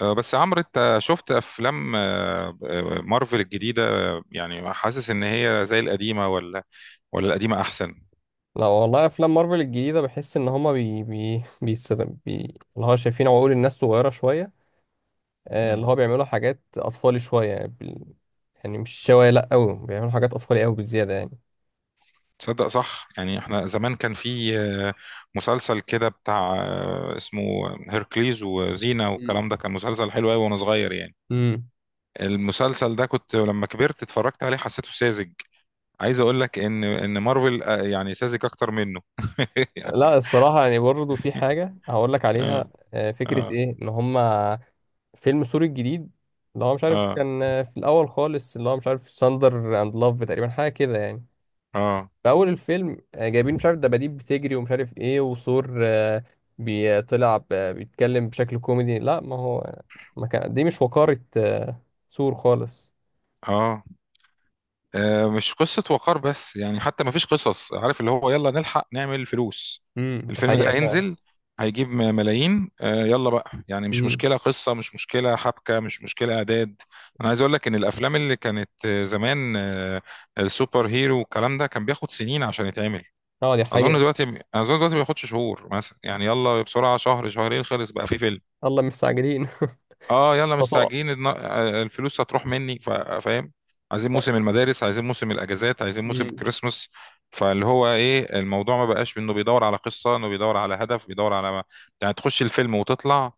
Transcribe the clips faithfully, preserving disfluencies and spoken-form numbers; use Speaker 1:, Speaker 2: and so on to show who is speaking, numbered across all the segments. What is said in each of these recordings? Speaker 1: آه، بس عمرو، انت شفت افلام آه، آه، مارفل الجديده آه، يعني حاسس ان هي زي القديمه ولا ولا القديمه احسن؟
Speaker 2: لا والله، افلام مارفل الجديده بحس ان هما بي بي بيستخدم بي اللي هو شايفين عقول الناس صغيره شويه. آه، اللي
Speaker 1: مم.
Speaker 2: هو بيعملوا حاجات اطفالي شويه يعني، بال... يعني مش شويه، لا قوي، بيعملوا حاجات اطفالي قوي بالزياده يعني.
Speaker 1: تصدق صح، يعني احنا زمان كان في آه، مسلسل كده بتاع آه، اسمه هيركليز وزينة
Speaker 2: مم.
Speaker 1: والكلام ده، كان مسلسل حلو قوي وانا صغير يعني.
Speaker 2: امم.
Speaker 1: المسلسل ده كنت لما كبرت اتفرجت عليه حسيته ساذج. عايز اقول لك ان ان مارفل آه، يعني ساذج اكتر منه
Speaker 2: لا
Speaker 1: يعني.
Speaker 2: الصراحه يعني برضه في حاجه هقول لك عليها.
Speaker 1: اه.
Speaker 2: آه، فكره
Speaker 1: اه.
Speaker 2: ايه ان هما فيلم سوري الجديد، اللي هو مش عارف،
Speaker 1: اه.
Speaker 2: كان آه، في الاول خالص، اللي هو مش عارف ساندر اند لاف تقريبا، حاجه كده يعني.
Speaker 1: اه.
Speaker 2: في اول الفيلم آه، جايبين مش عارف دباديب بتجري ومش عارف ايه، وثور آه، بيطلع ب- بيتكلم بشكل كوميدي، لا ما هو ما كان دي مش وقارة، آه، ثور خالص.
Speaker 1: اه. آه، مش قصة وقار بس، يعني حتى ما فيش قصص، عارف اللي هو يلا نلحق نعمل فلوس.
Speaker 2: امم دي
Speaker 1: الفيلم ده
Speaker 2: حقيقة فعلا.
Speaker 1: هينزل، هيجيب م- ملايين آه، يلا بقى يعني، مش
Speaker 2: امم.
Speaker 1: مشكلة قصة، مش مشكلة حبكة، مش مشكلة إعداد. أنا عايز أقول لك إن الأفلام اللي كانت آه، زمان آه، السوبر هيرو والكلام ده، كان بياخد سنين عشان يتعمل.
Speaker 2: اه دي
Speaker 1: أظن
Speaker 2: حقيقة.
Speaker 1: دلوقتي أظن دلوقتي ما بياخدش شهور مثلا، يعني يلا بسرعة شهر شهرين خلص بقى في فيلم.
Speaker 2: الله مستعجلين.
Speaker 1: اه، يلا
Speaker 2: تطاع.
Speaker 1: مستعجلين الن- آه، الفلوس هتروح مني، فا- فاهم. عايزين موسم المدارس، عايزين موسم الاجازات، عايزين موسم
Speaker 2: امم.
Speaker 1: الكريسماس. فاللي هو ايه الموضوع، ما بقاش انه بيدور على قصه، انه بيدور على هدف، بيدور على ما... يعني تخش الفيلم وتطلع.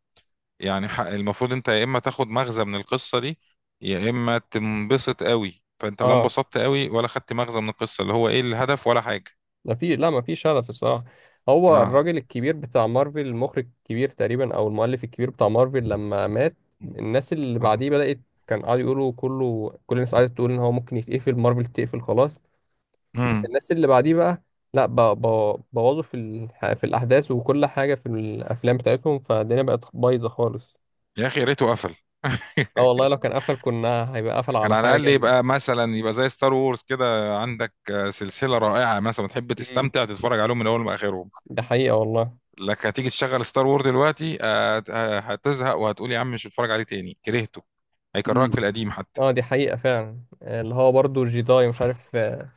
Speaker 1: يعني ح- المفروض انت يا اما تاخد مغزى من القصه دي، يا اما تنبسط قوي. فانت لا
Speaker 2: اه
Speaker 1: انبسطت قوي ولا خدت مغزى من القصه، اللي هو ايه الهدف ولا حاجه.
Speaker 2: ما في، لا ما في شغف الصراحة. هو
Speaker 1: اه.
Speaker 2: الراجل الكبير بتاع مارفل، المخرج الكبير تقريبا، او المؤلف الكبير بتاع مارفل لما مات، الناس اللي
Speaker 1: اه.
Speaker 2: بعديه بدأت، كان قعدوا يقولوا كله، كل الناس قعدت تقول ان هو ممكن يتقفل مارفل، تقفل خلاص. بس
Speaker 1: امم.
Speaker 2: الناس اللي بعديه بقى لا، ب- ب- بوظوا في ال... في الاحداث وكل حاجه في الافلام بتاعتهم، فالدنيا بقت بايظه خالص.
Speaker 1: يا اخي يا ريته قفل.
Speaker 2: اه والله لو كان قفل كنا هيبقى قفل
Speaker 1: كان
Speaker 2: على
Speaker 1: على
Speaker 2: حاجه
Speaker 1: الاقل
Speaker 2: جامده.
Speaker 1: يبقى مثلا، يبقى زي ستار وورز كده، عندك آه، سلسله رائعه مثلا تحب
Speaker 2: مم.
Speaker 1: تستمتع تتفرج عليهم من اول لاخرهم.
Speaker 2: ده حقيقه والله.
Speaker 1: لك هتيجي تشغل ستار وورز دلوقتي آه، آه، هتزهق وهتقول يا عم، مش هتفرج عليه تاني كرهته. هيكرهك في
Speaker 2: مم.
Speaker 1: القديم حتى.
Speaker 2: اه دي حقيقه فعلا. آه، اللي هو برضو جيداي مش عارف، آه،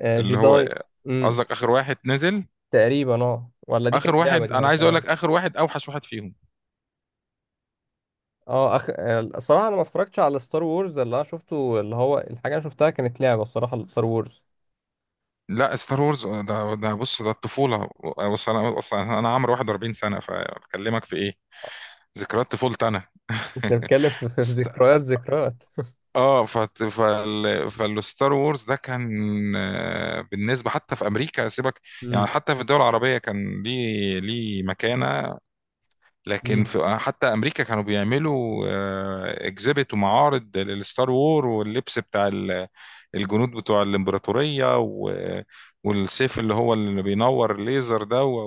Speaker 2: آه،
Speaker 1: اللي هو
Speaker 2: جيداي.
Speaker 1: آه،
Speaker 2: امم.
Speaker 1: قصدك اخر واحد نزل؟
Speaker 2: تقريبا اه، ولا دي كانت
Speaker 1: اخر
Speaker 2: لعبه
Speaker 1: واحد،
Speaker 2: دي ولا
Speaker 1: انا
Speaker 2: مش
Speaker 1: عايز اقول
Speaker 2: عارف.
Speaker 1: لك اخر واحد اوحش واحد فيهم.
Speaker 2: اه أخ... آه، الصراحه انا ما اتفرجتش على ستار وورز، اللي انا شفته، اللي هو الحاجه اللي أنا شفتها كانت لعبه الصراحه ستار وورز.
Speaker 1: لا، ستار وورز آه، ده ده بص، ده الطفوله. آه، بص، انا اصلا انا عمري واحد واربعين سنه، فبكلمك في ايه؟ ذكريات طفولتي انا.
Speaker 2: بنتكلم في في- في ذكريات ذكريات.
Speaker 1: اه، فت... فال... فالستار وورز ده كان آه، بالنسبه حتى في امريكا، سيبك. يعني حتى في الدول العربيه كان ليه ليه مكانه. لكن
Speaker 2: مم.
Speaker 1: في آه، حتى امريكا كانوا بيعملوا اكزيبت ومعارض للستار وور، واللبس بتاع ال- الجنود بتوع الامبراطوريه، و... والسيف اللي هو اللي بينور الليزر ده، و...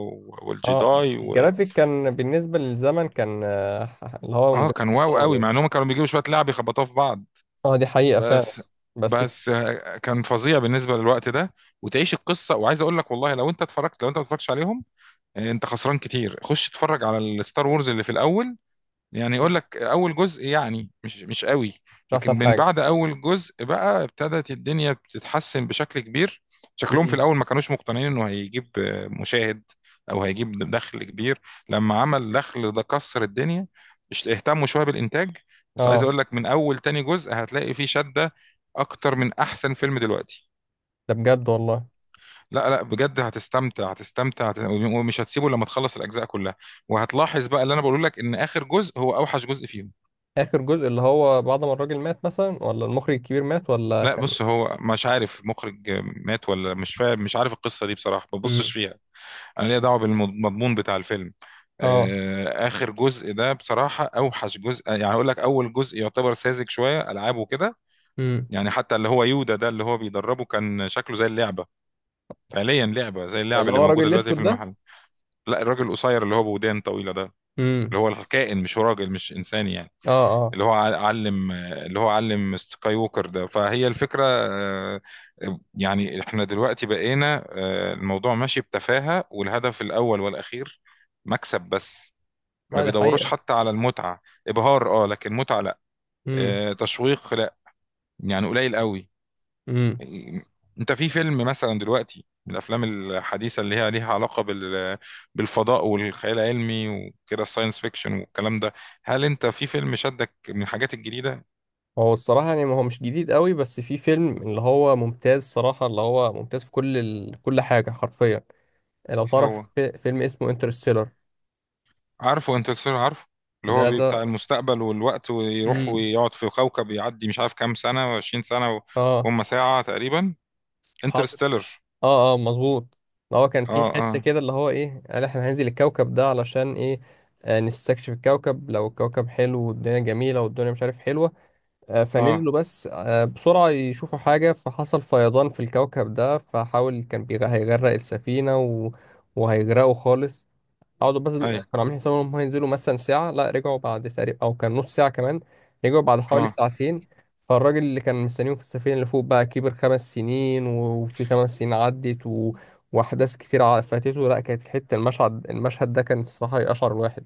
Speaker 2: اه
Speaker 1: والجداي. و...
Speaker 2: الجرافيك كان بالنسبة للزمن كان، آه، اللي هو
Speaker 1: اه،
Speaker 2: جرافيك
Speaker 1: كان واو
Speaker 2: متطور
Speaker 1: قوي،
Speaker 2: يعني.
Speaker 1: مع انهم كانوا بيجيبوا شويه لعب يخبطوها في بعض.
Speaker 2: اه دي حقيقة فعلا.
Speaker 1: بس.
Speaker 2: بس.
Speaker 1: بس آه، كان فظيع بالنسبه للوقت ده، وتعيش القصه. وعايز اقول لك والله لو انت اتفرجت، لو انت ما اتفرجتش عليهم، آه، انت خسران كتير، خش اتفرج على الستار وورز اللي في الاول. يعني يقول
Speaker 2: مم.
Speaker 1: لك اول جزء يعني مش مش قوي.
Speaker 2: مش
Speaker 1: لكن
Speaker 2: أحسن
Speaker 1: من
Speaker 2: حاجة.
Speaker 1: بعد اول جزء بقى، ابتدت الدنيا بتتحسن بشكل كبير. شكلهم في
Speaker 2: مم.
Speaker 1: الاول ما كانوش مقتنعين انه هيجيب مشاهد، او هيجيب دخل كبير. لما عمل دخل ده كسر الدنيا. مش اهتموا شويه بالانتاج. بس عايز
Speaker 2: اه.
Speaker 1: اقول لك من اول تاني جزء هتلاقي فيه شده اكتر من احسن فيلم دلوقتي.
Speaker 2: ده بجد والله.
Speaker 1: لا، لا، بجد هتستمتع هتستمتع هت- ومش هتسيبه لما تخلص الاجزاء كلها. وهتلاحظ بقى اللي انا بقول لك، ان اخر جزء هو اوحش جزء فيهم.
Speaker 2: آخر جزء اللي هو بعد ما الراجل مات مثلا، ولا المخرج الكبير مات، ولا
Speaker 1: لا،
Speaker 2: كان.
Speaker 1: بص هو مش عارف المخرج مات ولا مش فاهم، مش عارف القصه دي بصراحه، ما ببصش
Speaker 2: مم.
Speaker 1: فيها. انا ليا دعوه بالمضمون بتاع الفيلم.
Speaker 2: اه.
Speaker 1: آه، اخر جزء ده بصراحه اوحش جزء. يعني اقول لك اول جزء يعتبر ساذج شويه، العابه كده.
Speaker 2: مم.
Speaker 1: يعني حتى اللي هو يودا ده اللي هو بيدربه، كان شكله زي اللعبه. فعليا لعبه زي اللعبه
Speaker 2: اللي
Speaker 1: اللي
Speaker 2: هو الراجل
Speaker 1: موجوده دلوقتي في
Speaker 2: الأسود ده.
Speaker 1: المحل. لا، الراجل القصير اللي هو بودان طويله ده.
Speaker 2: مم.
Speaker 1: اللي هو الكائن، مش هو راجل، مش انسان يعني.
Speaker 2: اه. اه.
Speaker 1: اللي هو ع- علم اللي هو علم سكاي ووكر ده، فهي الفكرة آه، يعني احنا دلوقتي بقينا آه، الموضوع ماشي بتفاهة، والهدف الأول والأخير مكسب بس. ما
Speaker 2: اه دي
Speaker 1: بيدوروش
Speaker 2: حقيقة.
Speaker 1: حتى على المتعة. إبهار اه، لكن متعة لا.
Speaker 2: امم.
Speaker 1: آه، تشويق لا، يعني قليل قوي.
Speaker 2: مم.
Speaker 1: انت في فيلم مثلا دلوقتي من الافلام الحديثه اللي هي ليها علاقه بال بالفضاء والخيال العلمي وكده، الساينس فيكشن والكلام ده، هل انت في فيلم شدك من الحاجات الجديده؟
Speaker 2: هو الصراحة يعني ما هو مش جديد قوي، بس في فيلم اللي هو ممتاز صراحة، اللي هو ممتاز في كل ال... كل حاجة حرفيا. لو
Speaker 1: إيه هو؟
Speaker 2: تعرف في فيلم اسمه انترستيلر.
Speaker 1: عارفه انترستيلر؟ عارفه. اللي
Speaker 2: ده
Speaker 1: هو
Speaker 2: اه
Speaker 1: بي-
Speaker 2: ده.
Speaker 1: بتاع المستقبل والوقت، ويروح
Speaker 2: امم.
Speaker 1: ويقعد في كوكب يعدي مش عارف كام سنة وعشرين سنة،
Speaker 2: اه.
Speaker 1: وهم ساعة تقريبا.
Speaker 2: حاصل.
Speaker 1: انترستيلر.
Speaker 2: اه اه مظبوط. ده هو كان في
Speaker 1: اه.
Speaker 2: حتة
Speaker 1: اه.
Speaker 2: كده اللي هو ايه، قال احنا هننزل الكوكب ده علشان ايه. آه نستكشف الكوكب، لو الكوكب حلو والدنيا جميلة والدنيا مش عارف حلوة. آه
Speaker 1: اه.
Speaker 2: فنزلوا بس آه بسرعة يشوفوا حاجة، فحصل فيضان في الكوكب ده، فحاول كان بيغ- هيغرق السفينة، و... وهيغرقوا خالص. قعدوا بس كانوا
Speaker 1: اي.
Speaker 2: عاملين حسابهم ان هم هينزلوا مثلا ساعة، لا رجعوا بعد تقريبا او كان نص ساعة كمان، رجعوا بعد حوالي
Speaker 1: اه.
Speaker 2: ساعتين. فالراجل اللي كان مستنيهم في السفينة اللي فوق بقى كبر خمس سنين و- وفي خمس سنين عدت، و... وأحداث كتير ع- فاتته. لا كانت حتة، المشهد المشهد ده كان الصراحة يقشعر الواحد.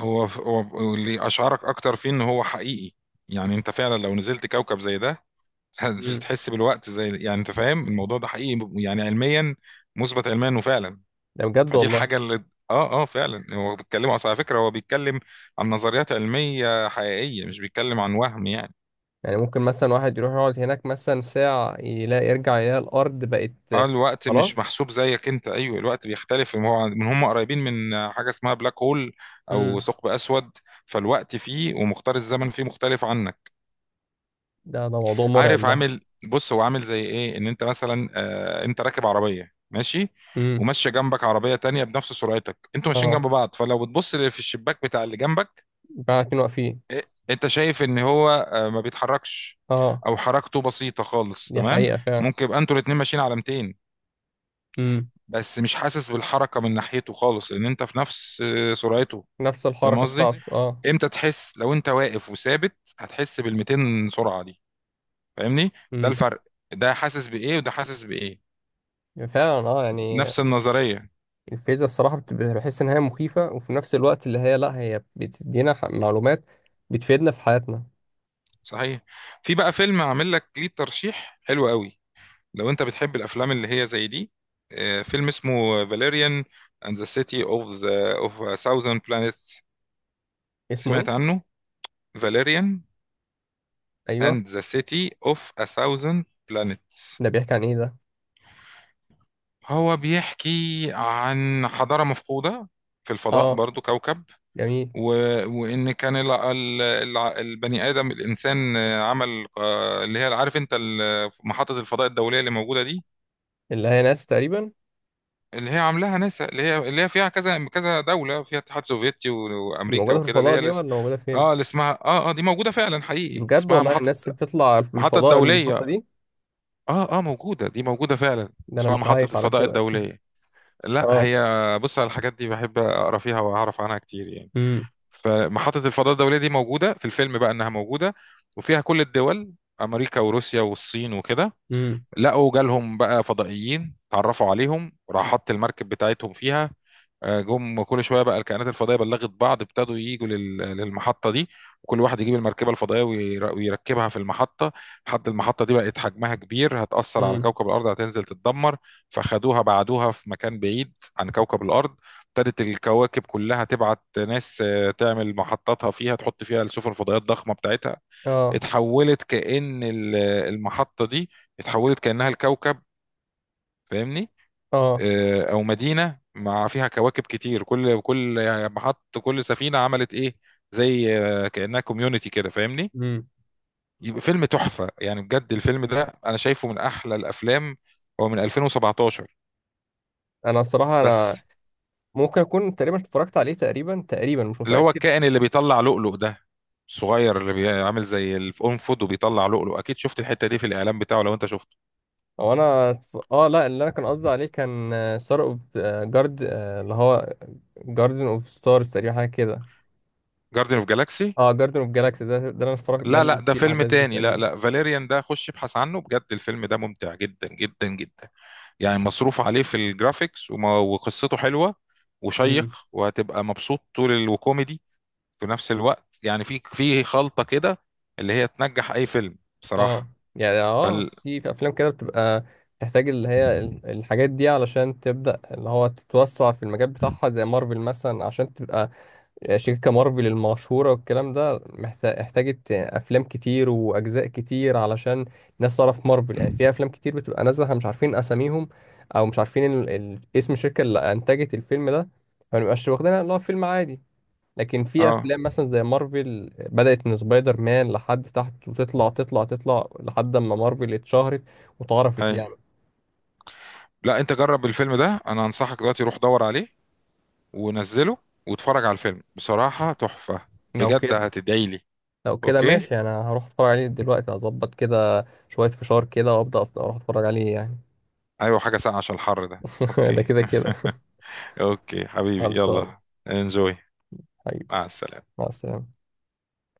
Speaker 1: هو هو اللي اشعرك اكتر فيه ان هو حقيقي. يعني انت فعلا لو نزلت كوكب زي ده مش
Speaker 2: امم.
Speaker 1: هتحس بالوقت، زي يعني انت فاهم، الموضوع ده حقيقي يعني علميا، مثبت علميا انه فعلا.
Speaker 2: ده بجد
Speaker 1: فدي
Speaker 2: والله.
Speaker 1: الحاجة اللي... اه، اه، فعلا. هو بيتكلم اصلا، على فكرة هو بيتكلم عن نظريات علمية حقيقية، مش بيتكلم عن وهم يعني.
Speaker 2: يعني ممكن مثلا واحد يروح يقعد هناك مثلا ساعة، يلاقي يرجع يلاقي الأرض
Speaker 1: اه،
Speaker 2: بقت.
Speaker 1: الوقت مش
Speaker 2: خلاص.
Speaker 1: محسوب زيك انت، ايوه، الوقت بيختلف إن هو من هم قريبين من حاجه اسمها بلاك هول، او
Speaker 2: امم.
Speaker 1: ثقب اسود. فالوقت فيه، ومختار الزمن فيه مختلف عنك.
Speaker 2: ده ده موضوع مرعب
Speaker 1: عارف
Speaker 2: ده.
Speaker 1: عامل؟ بص، هو عامل زي ايه، ان انت مثلا آه انت راكب عربيه ماشي،
Speaker 2: امم.
Speaker 1: وماشيه جنبك عربيه تانية بنفس سرعتك، انتوا ماشيين
Speaker 2: اه
Speaker 1: جنب بعض، فلو بتبص في الشباك بتاع اللي جنبك،
Speaker 2: بقى اتنين واقفين.
Speaker 1: إيه؟ انت شايف ان هو آه ما بيتحركش،
Speaker 2: اه
Speaker 1: او حركته بسيطه خالص،
Speaker 2: دي
Speaker 1: تمام.
Speaker 2: حقيقة فعلا.
Speaker 1: ممكن يبقى انتوا الاتنين ماشيين على ميتين،
Speaker 2: امم.
Speaker 1: بس مش حاسس بالحركه من ناحيته خالص، لان انت في نفس آه، سرعته.
Speaker 2: نفس الحركة،
Speaker 1: فاهم
Speaker 2: فاهم قصدي؟
Speaker 1: قصدي؟
Speaker 2: بتاعته اه.
Speaker 1: امتى تحس؟ لو انت واقف وثابت هتحس بال مئتين سرعه دي. فاهمني؟ ده
Speaker 2: امم.
Speaker 1: الفرق. ده حاسس بايه وده حاسس بايه.
Speaker 2: فعلا اه يعني
Speaker 1: نفس النظريه.
Speaker 2: الفيزياء الصراحة، بت- بحس إن هي مخيفة، وفي نفس الوقت اللي هي لأ، هي بتدينا ح- معلومات بتفيدنا في حياتنا.
Speaker 1: صحيح. في بقى فيلم عامل لك ليه ترشيح حلو قوي، لو انت بتحب الافلام اللي هي زي دي. آه، فيلم اسمه فاليريان اند ذا سيتي اوف ذا اوف ا ثاوزند بلانيتس.
Speaker 2: اسمه إيه؟
Speaker 1: سمعت عنه؟ فاليريان
Speaker 2: أيوه.
Speaker 1: اند ذا سيتي اوف ا ثاوزند بلانيتس.
Speaker 2: ده بيحكي عن إيه ده؟
Speaker 1: هو بيحكي عن حضارة مفقودة في الفضاء،
Speaker 2: اه
Speaker 1: برضو كوكب.
Speaker 2: جميل.
Speaker 1: و... وإن كان ال... ال... ال- البني آدم الإنسان آه، عمل آه، اللي هي عارف أنت ال- محطة الفضاء الدولية اللي موجودة دي،
Speaker 2: اللي هي ناس تقريبا.
Speaker 1: اللي هي عاملاها ناسا، اللي هي اللي هي فيها كذا كذا دولة، فيها الاتحاد السوفيتي و...
Speaker 2: دي
Speaker 1: وأمريكا
Speaker 2: موجودة في
Speaker 1: وكده، اللي
Speaker 2: الفضاء
Speaker 1: هي
Speaker 2: دي،
Speaker 1: الاس...
Speaker 2: ولا موجودة فين؟
Speaker 1: اه، اللي اسمها، اه، اه، دي موجودة فعلا،
Speaker 2: دي
Speaker 1: حقيقي
Speaker 2: بجد
Speaker 1: اسمها
Speaker 2: والله
Speaker 1: محطة،
Speaker 2: الناس اللي بتطلع في
Speaker 1: محطة
Speaker 2: الفضاء المحطة
Speaker 1: دولية.
Speaker 2: دي.
Speaker 1: اه، اه، موجودة، دي موجودة فعلا.
Speaker 2: ده أنا
Speaker 1: اسمها
Speaker 2: مش
Speaker 1: محطة
Speaker 2: عايش على
Speaker 1: الفضاء
Speaker 2: كده.
Speaker 1: الدولية. لا،
Speaker 2: اه.
Speaker 1: هي بص، على الحاجات دي بحب اقرا فيها واعرف عنها كتير يعني.
Speaker 2: امم.
Speaker 1: فمحطة الفضاء الدولية دي موجودة في الفيلم، بقى انها موجودة، وفيها كل الدول: امريكا وروسيا والصين وكده.
Speaker 2: امم.
Speaker 1: لقوا جالهم بقى فضائيين، اتعرفوا عليهم، راح حط المركب بتاعتهم فيها. آه، جم كل شويه بقى، الكائنات الفضائيه بلغت بعض، ابتدوا يجوا لل- للمحطه دي. وكل واحد يجيب المركبه الفضائيه وير- ويركبها في المحطه. لحد المحطه دي بقت حجمها كبير، هتاثر على
Speaker 2: امم.
Speaker 1: كوكب الارض، هتنزل تتدمر. فخدوها، بعدوها في مكان بعيد عن كوكب الارض. ابتدت الكواكب كلها تبعت ناس آه، تعمل محطاتها فيها، تحط فيها السفن الفضائيه الضخمه بتاعتها.
Speaker 2: اه.
Speaker 1: اتحولت كأن ال- المحطه دي اتحولت كأنها الكوكب. فاهمني؟
Speaker 2: اه.
Speaker 1: آه، او مدينه، مع فيها كواكب كتير، كل كل يعني محط، كل سفينه عملت ايه، زي آه، كانها كوميونتي كده. فاهمني؟
Speaker 2: امم.
Speaker 1: يبقى فيلم تحفه يعني، بجد الفيلم ده انا شايفه من احلى الافلام. هو من ألفين وسبعة عشر.
Speaker 2: أنا الصراحة أنا
Speaker 1: بس
Speaker 2: ممكن اكون تقريبا اتفرجت عليه، تقريبا تقريبا مش
Speaker 1: اللي هو
Speaker 2: متاكد.
Speaker 1: الكائن اللي بيطلع لؤلؤ ده، الصغير اللي بيعمل زي الانفود وبيطلع لؤلؤ، اكيد شفت الحته دي في الاعلان بتاعه لو انت شفته.
Speaker 2: او انا اتف- اه لا، اللي انا كان قصدي عليه كان ستار اوف جارد، اللي هو جاردن اوف ستارز تقريبا، حاجه كده.
Speaker 1: جاردن اوف جالاكسي.
Speaker 2: اه جاردن اوف جالاكسي ده ده انا اتفرجت، ده
Speaker 1: لا، لا،
Speaker 2: اللي
Speaker 1: ده
Speaker 2: فيه
Speaker 1: فيلم
Speaker 2: الاحداث دي
Speaker 1: تاني. لا،
Speaker 2: تقريبا.
Speaker 1: لا، فاليريان ده خش ابحث عنه. بجد الفيلم ده ممتع جدا جدا جدا، يعني مصروف عليه في الجرافيكس، وما- وقصته حلوة، وشيق،
Speaker 2: امم.
Speaker 1: وهتبقى مبسوط طول ال- وكوميدي في نفس الوقت يعني، في في خلطة كده، اللي هي تنجح أي فيلم
Speaker 2: اه
Speaker 1: بصراحة.
Speaker 2: يعني اه
Speaker 1: فال
Speaker 2: في في افلام كده بتبقى تحتاج اللي هي ال- الحاجات دي علشان تبدا، اللي هو تتوسع في المجال بتاعها زي مارفل مثلا، عشان تبقى شركة مارفل المشهورة والكلام ده، محتاج احتاجت أفلام كتير وأجزاء كتير علشان الناس تعرف مارفل. يعني في أفلام كتير بتبقى نازلة احنا مش عارفين أساميهم، أو مش عارفين ال... ال... اسم الشركة اللي أنتجت الفيلم ده، فمنبقاش واخدينها اللي هو فيلم عادي. لكن في
Speaker 1: اه.
Speaker 2: أفلام مثلا زي مارفل بدأت من سبايدر مان لحد تحت وتطلع تطلع تطلع لحد ما مارفل اتشهرت واتعرفت
Speaker 1: اي.
Speaker 2: يعني.
Speaker 1: لا، انت جرب الفيلم ده، انا انصحك دلوقتي، روح دور عليه، ونزله، واتفرج على الفيلم، بصراحة تحفة.
Speaker 2: لو
Speaker 1: بجد
Speaker 2: كده.
Speaker 1: هتدعي لي.
Speaker 2: لو كده
Speaker 1: اوكي.
Speaker 2: ماشي، أنا هروح أتفرج عليه دلوقتي، هظبط كده شوية فشار كده وأبدأ أروح أتفرج عليه يعني.
Speaker 1: ايوه، حاجة ساقعة عشان الحر ده.
Speaker 2: ده
Speaker 1: اوكي.
Speaker 2: كده كده.
Speaker 1: اوكي حبيبي،
Speaker 2: خلصانة.
Speaker 1: يلا. انجوي.
Speaker 2: حبيبي.
Speaker 1: مع السلامة.
Speaker 2: مع السلامة.